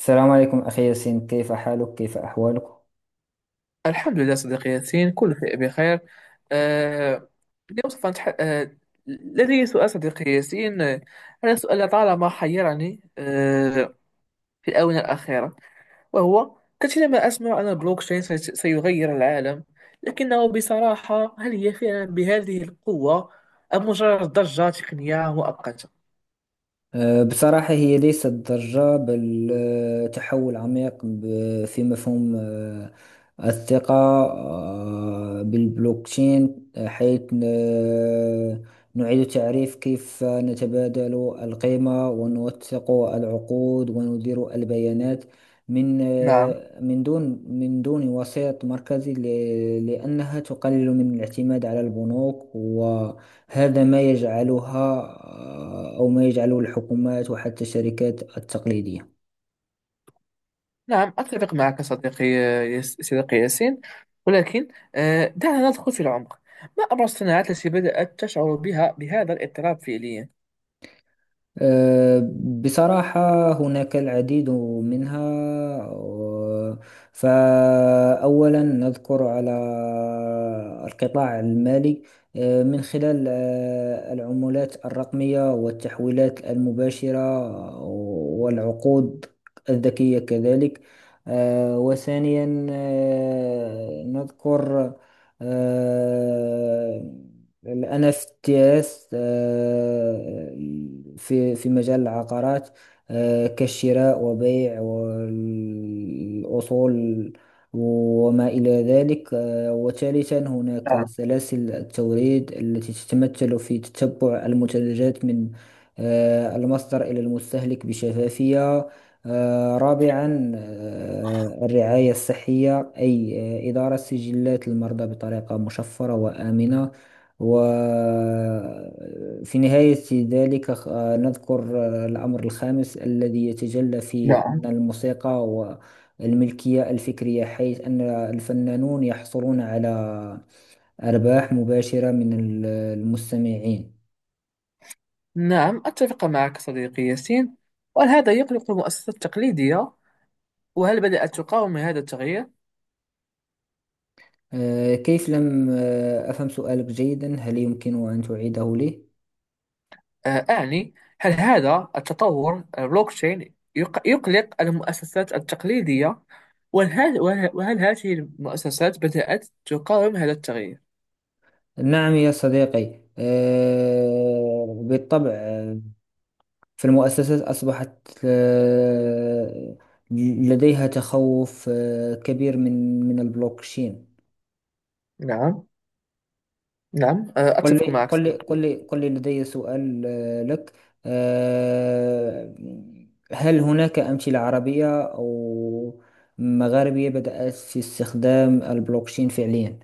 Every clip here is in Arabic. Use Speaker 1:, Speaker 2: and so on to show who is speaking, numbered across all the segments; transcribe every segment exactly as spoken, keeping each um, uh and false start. Speaker 1: السلام عليكم أخي ياسين، كيف حالك؟ كيف أحوالك؟
Speaker 2: الحمد لله صديقي ياسين، كل شيء بخير. آه، اليوم سوف نتح... آه، لدي سؤال صديقي ياسين. آه، هذا سؤال طالما حيرني آه، في الآونة الأخيرة، وهو كثيرا ما أسمع أن البلوكشين سي- سيغير العالم، لكنه بصراحة، هل هي فعلا بهذه القوة أم مجرد ضجة تقنية مؤقتة؟
Speaker 1: أه، بصراحة هي ليست ضجة، بل أه، تحول عميق ب- في مفهوم أه، الثقة أه، بالبلوكتشين، أه، حيث أه، نعيد تعريف كيف نتبادل القيمة، ونوثق العقود، وندير البيانات من
Speaker 2: نعم،
Speaker 1: أه، من دون من دون وسيط مركزي، ل- لأنها تقلل من الاعتماد على البنوك. هذا ما يجعلها آه، أو ما يجعله الحكومات وحتى الشركات التقليدية.
Speaker 2: نعم، أتفق معك صديقي. يس- صديقي ياسين، ولكن آه، دعنا ندخل في العمق. ما أبرز الصناعات التي بدأت تشعر بها بهذا الاضطراب فعليا؟
Speaker 1: أه، بصراحة هناك العديد منها. و- فأولا نذكر على القطاع المالي، أه، من خلال أه، العملات الرقمية والتحويلات المباشرة، آه، والعقود الذكية كذلك. أه، وثانيا أه، نذكر أه، ال إن إف تيز آه، في في مجال العقارات، آه، كالشراء وبيع والأصول وما إلى ذلك. آه، وثالثا هناك
Speaker 2: نعم،
Speaker 1: سلاسل التوريد التي تتمثل في تتبع المنتجات من آه، المصدر إلى المستهلك بشفافية. آه، رابعا آه، الرعاية الصحية، أي آه، إدارة سجلات المرضى بطريقة مشفرة وآمنة. وفي نهاية ذلك خ- آه، نذكر آه، الأمر الخامس الذي يتجلى في
Speaker 2: نعم،
Speaker 1: أن الموسيقى والملكية الفكرية، حيث أن الفنانون يحصلون على أرباح مباشرة من ال- المستمعين.
Speaker 2: نعم، أتفق معك صديقي ياسين. وهل هذا يقلق المؤسسات التقليدية؟ وهل بدأت تقاوم هذا التغيير؟
Speaker 1: آه، كيف، لم آه، أفهم سؤالك جيدا، هل يمكن أن تعيده لي؟
Speaker 2: آه، أعني، هل هذا التطور البلوكتشين يق- يقلق المؤسسات التقليدية؟ وهل, وهل, وهل هذه المؤسسات بدأت تقاوم هذا التغيير؟
Speaker 1: نعم يا صديقي، آه، بالطبع. آه، فالمؤسسات أصبحت آه، لديها تخوف آه، كبير من من البلوكشين.
Speaker 2: نعم، نعم، آه،
Speaker 1: قل
Speaker 2: أتفق
Speaker 1: لي
Speaker 2: معك
Speaker 1: قل لي قل
Speaker 2: صديقي.
Speaker 1: لي قل لي لدي سؤال آه، لك. آه، هل هناك أمثلة عربية أو مغاربية بدأت في استخدام البلوكشين فعليا؟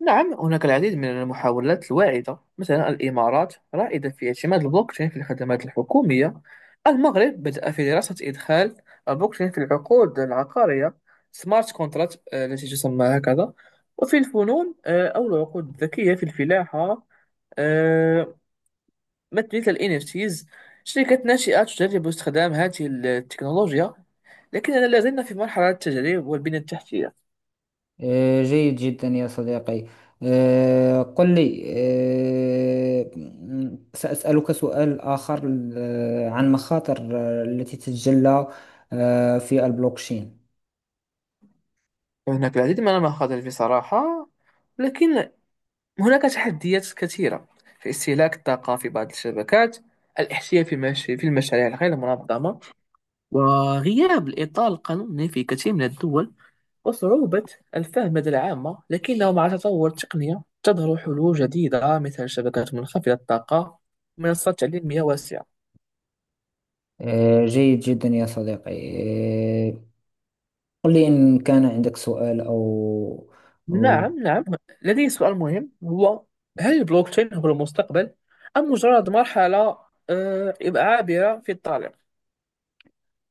Speaker 2: نعم، هناك العديد من المحاولات الواعدة. مثلا، الإمارات رائدة في اعتماد البلوكتشين في الخدمات الحكومية. المغرب بدأ في دراسة إدخال البلوكتشين في العقود العقارية، سمارت كونتراكت التي تسمى هكذا. وفي الفنون، آه، أو العقود الذكية في الفلاحة، آه، مثل ال N F Ts. شركات ناشئة تجرب استخدام هذه التكنولوجيا، لكننا لا زلنا في مرحلة التجريب والبنية التحتية.
Speaker 1: آه، جيد جدا يا صديقي. آه، قل لي، آه، م- سأسألك سؤال آخر آه، عن مخاطر آه، التي تتجلى آه، في البلوكشين.
Speaker 2: هناك العديد من المخاطر بصراحة. لكن هناك تحديات كثيرة في استهلاك الطاقة في بعض الشبكات، الاحتيال في المش- في المشاريع الغير منظمة، وغياب الإطار القانوني في كثير من الدول، وصعوبة الفهم لدى العامة. لكنه مع تطور التقنية تظهر حلول جديدة، مثل شبكات منخفضة الطاقة ومنصات تعليمية واسعة.
Speaker 1: آه، جيد جدا يا صديقي. آه، قل لي إن كان عندك سؤال أو.
Speaker 2: نعم، نعم، لدي سؤال مهم هو: هل البلوكتشين هو المستقبل أم مجرد مرحلة آه، عابرة في الطريق؟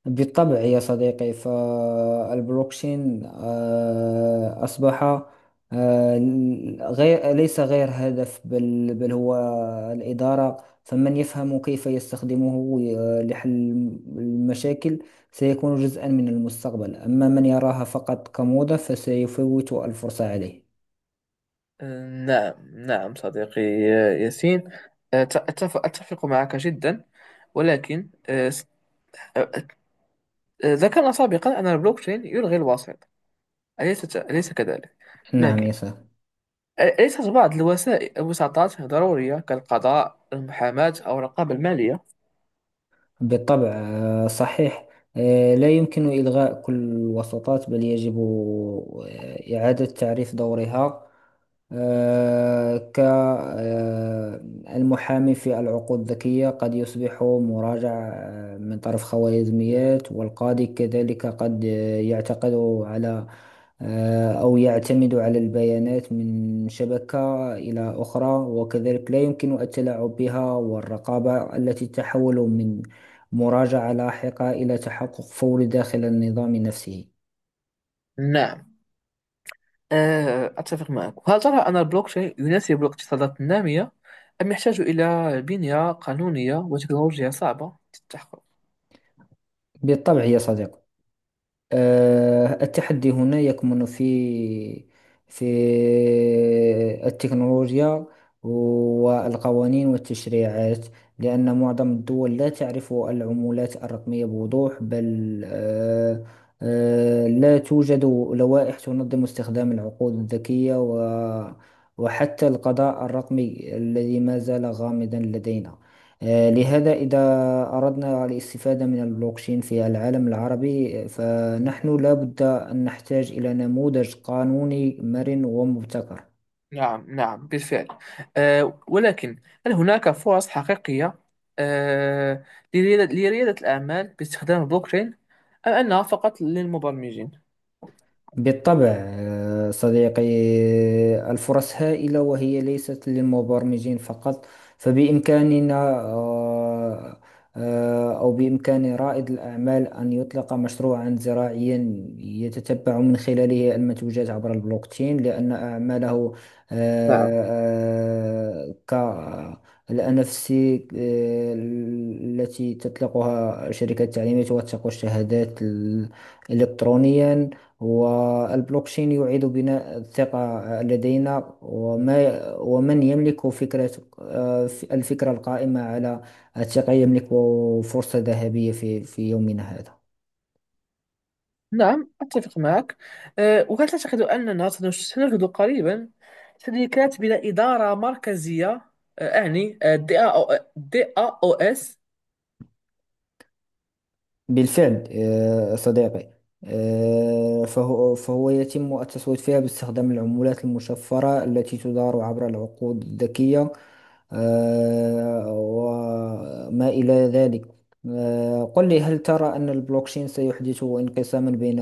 Speaker 1: بالطبع يا صديقي، فالبلوكشين آه، أصبح آه، غير، ليس غير هدف، بل بل هو الإدارة. فمن يفهم كيف يستخدمه آه، لحل المشاكل سيكون جزءا من المستقبل، أما من يراها فقط كموضة فسيفوت الفرصة عليه.
Speaker 2: آه، نعم، نعم صديقي آه، ياسين، آه، ت- أتف- أتفق معك جدا. ولكن آه، س- آه، آه، ذكرنا سابقا أن البلوكتشين يلغي الوسيط. أليس أليس كذلك؟
Speaker 1: نعم يا
Speaker 2: لكن،
Speaker 1: صاحبي.
Speaker 2: أليست بعض الوسائل، الوساطات، ضرورية، كالقضاء، المحاماة أو الرقابة المالية؟
Speaker 1: بالطبع. آه، صحيح. آه، لا يمكن إلغاء كل الوساطات، بل يجب آه، إعادة تعريف دورها، كالمحامي في العقود الذكية قد يصبح مراجع آه، من طرف خوارزميات، والقاضي كذلك قد آه، يعتقد على آه، أو يعتمد على البيانات من شبكة إلى أخرى، وكذلك لا يمكن التلاعب بها، والرقابة التي تحول من مراجعة لاحقة إلى تحقق فوري داخل النظام نفسه.
Speaker 2: نعم، آه، أتفق معك. وهل ترى أن البلوك تشين يناسب الاقتصادات النامية أم يحتاج إلى بنية قانونية وتكنولوجيا صعبة للتحقق؟
Speaker 1: بالطبع يا صديقي. آه، التحدي هنا يكمن في في التكنولوجيا والقوانين والتشريعات، لأن معظم الدول لا تعرف العملات الرقمية بوضوح، بل آه، آه، لا توجد لوائح تنظم استخدام العقود الذكية، و وحتى القضاء الرقمي الذي ما زال غامضا لدينا. آه، لهذا إذا أردنا الاستفادة من البلوكشين في العالم العربي، فنحن لابد أن نحتاج إلى نموذج قانوني مرن ومبتكر.
Speaker 2: نعم، نعم، بالفعل. آه، ولكن، هل هناك فرص حقيقية آه، لريادة لريادة الأعمال باستخدام البلوك تشين، أم أنها فقط للمبرمجين؟
Speaker 1: بالطبع آه، صديقي. آه، الفرص هائلة وهي ليست للمبرمجين فقط. فبإمكاننا آه، آه، أو بإمكان رائد الأعمال أن يطلق مشروعا زراعيا يتتبع من خلاله المنتوجات عبر البلوكتشين، لأن أعماله
Speaker 2: نعم،
Speaker 1: آه، آه، كالأنفس آه، التي تطلقها شركة التعليمات، توثق الشهادات ال- إلكترونيا. والبلوكشين يعيد بناء الثقة لدينا، وما ومن يملك فكرة، آه، الفكرة القائمة على الثقة يملك فرصة ذهبية في في يومنا هذا.
Speaker 2: نعم، أتفق معك. أه، وهل تعتقد أننا سنش- سنجد قريبا شركات بلا إدارة مركزية؟ أه، أعني آه، دي أو آه، دي أو إس.
Speaker 1: بالفعل آه، صديقي. آه، فهو فهو يتم التصويت فيها باستخدام العملات المشفرة التي تدار عبر العقود الذكية آه، وما إلى ذلك. آه، قل لي، هل ترى أن البلوكشين سيحدث انقساما بين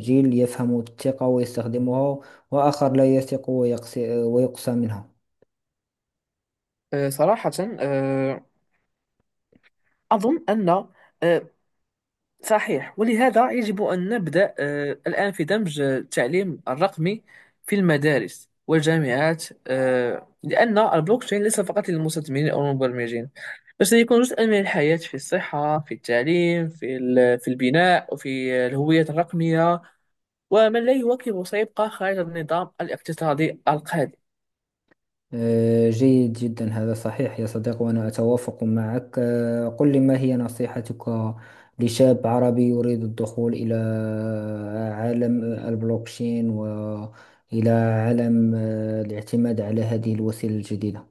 Speaker 1: جيل يفهم الثقة ويستخدمها، وآخر لا يثق ويقس- ويقسى منها؟
Speaker 2: آه، صراحة، أه، أظن أن، أه، صحيح، ولهذا يجب أن نبدأ آه، الآن في دمج آه، التعليم الرقمي في المدارس والجامعات، آه، لأن البلوكتشين ليس فقط للمستثمرين أو المبرمجين، بل سيكون جزءا من الحياة، في الصحة، في التعليم، في ال- في البناء، وفي الهوية الرقمية. ومن لا يواكب سيبقى خارج النظام الاقتصادي القادم.
Speaker 1: آه، جيد جدا، هذا صحيح يا صديق، وأنا أتوافق معك. آه، قل لي، ما هي نصيحتك لشاب عربي يريد الدخول إلى عالم البلوكشين، وإلى عالم آه، الاعتماد على هذه الوسيلة الجديدة؟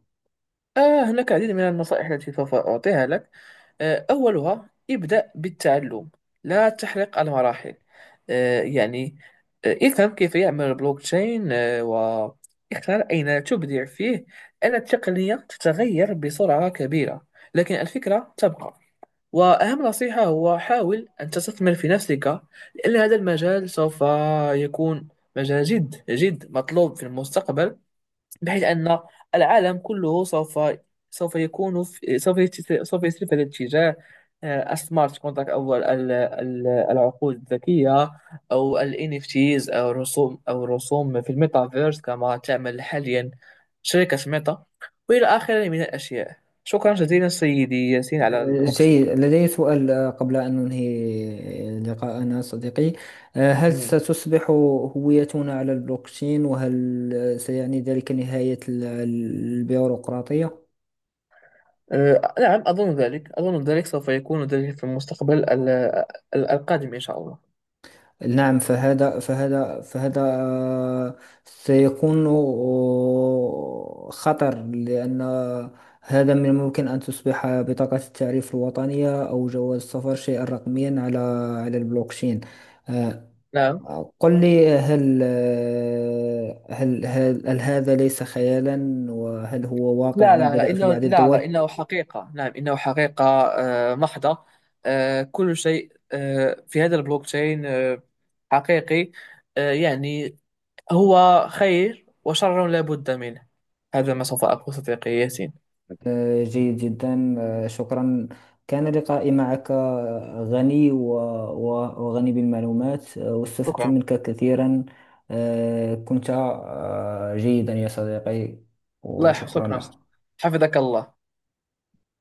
Speaker 2: آه هناك العديد من النصائح التي سوف أعطيها لك. آه، أولها: ابدأ بالتعلم، لا تحرق المراحل. آه، يعني، آه، افهم كيف يعمل البلوكتشين، آه، واختار أين تبدع فيه. أن التقنية تتغير بسرعة كبيرة، لكن الفكرة تبقى. وأهم نصيحة هو: حاول أن تستثمر في نفسك، لأن هذا المجال سوف يكون مجال جد جد مطلوب في المستقبل. بحيث أن العالم كله سوف سوف يكون في سوف يت- سوف يسير في هذا الاتجاه. آه، السمارت كونتراكت، أو ال- ال- ال- العقود الذكية، أو ال N F Ts، أو الرسوم، أو الرسوم في الميتافيرس، كما تعمل حاليا شركة ميتا، وإلى آخره من الأشياء. شكرا جزيلا سيدي ياسين على
Speaker 1: آه، جيد،
Speaker 2: وقتك.
Speaker 1: لدي سؤال آه، قبل أن ننهي لقاءنا صديقي. آه، هل
Speaker 2: مم.
Speaker 1: ستصبح هويتنا على البلوكشين؟ وهل آه، سيعني ذلك نهاية ال- البيروقراطية؟
Speaker 2: آه، نعم، أظن ذلك، أظن ذلك سوف يكون ذلك في المستقبل ال- ال- القادم، إن شاء الله.
Speaker 1: نعم، فهذا فهذا فهذا آه، سيكون آه، خطر، لأن هذا من الممكن أن تصبح بطاقة التعريف الوطنية أو جواز السفر شيئا رقميا على على البلوكشين. آه،
Speaker 2: نعم،
Speaker 1: قل لي، هل آه، هل هل, هل هذا ليس خيالا؟ وهل هو واقع
Speaker 2: لا، لا، لا،
Speaker 1: بدأ في
Speaker 2: إنه
Speaker 1: بعض
Speaker 2: لا لا
Speaker 1: الدول؟
Speaker 2: إنه حقيقة، نعم، إنه حقيقة آه، محضة. آه، كل شيء آه، في هذا البلوك تشين آه، حقيقي. آه، يعني، هو خير وشر لا بد منه. هذا ما سوف أقول، صديقي ياسين.
Speaker 1: آه، جيد جدا. آه، شكرا، كان لقائي معك آه، غني و- و- وغني بالمعلومات، آه، واستفدت
Speaker 2: شكرا،
Speaker 1: منك كثيرا. آه، كنت آه، جيدا يا صديقي،
Speaker 2: الله يحفظك.
Speaker 1: وشكرا
Speaker 2: شكرا،
Speaker 1: لك.
Speaker 2: حفظك الله.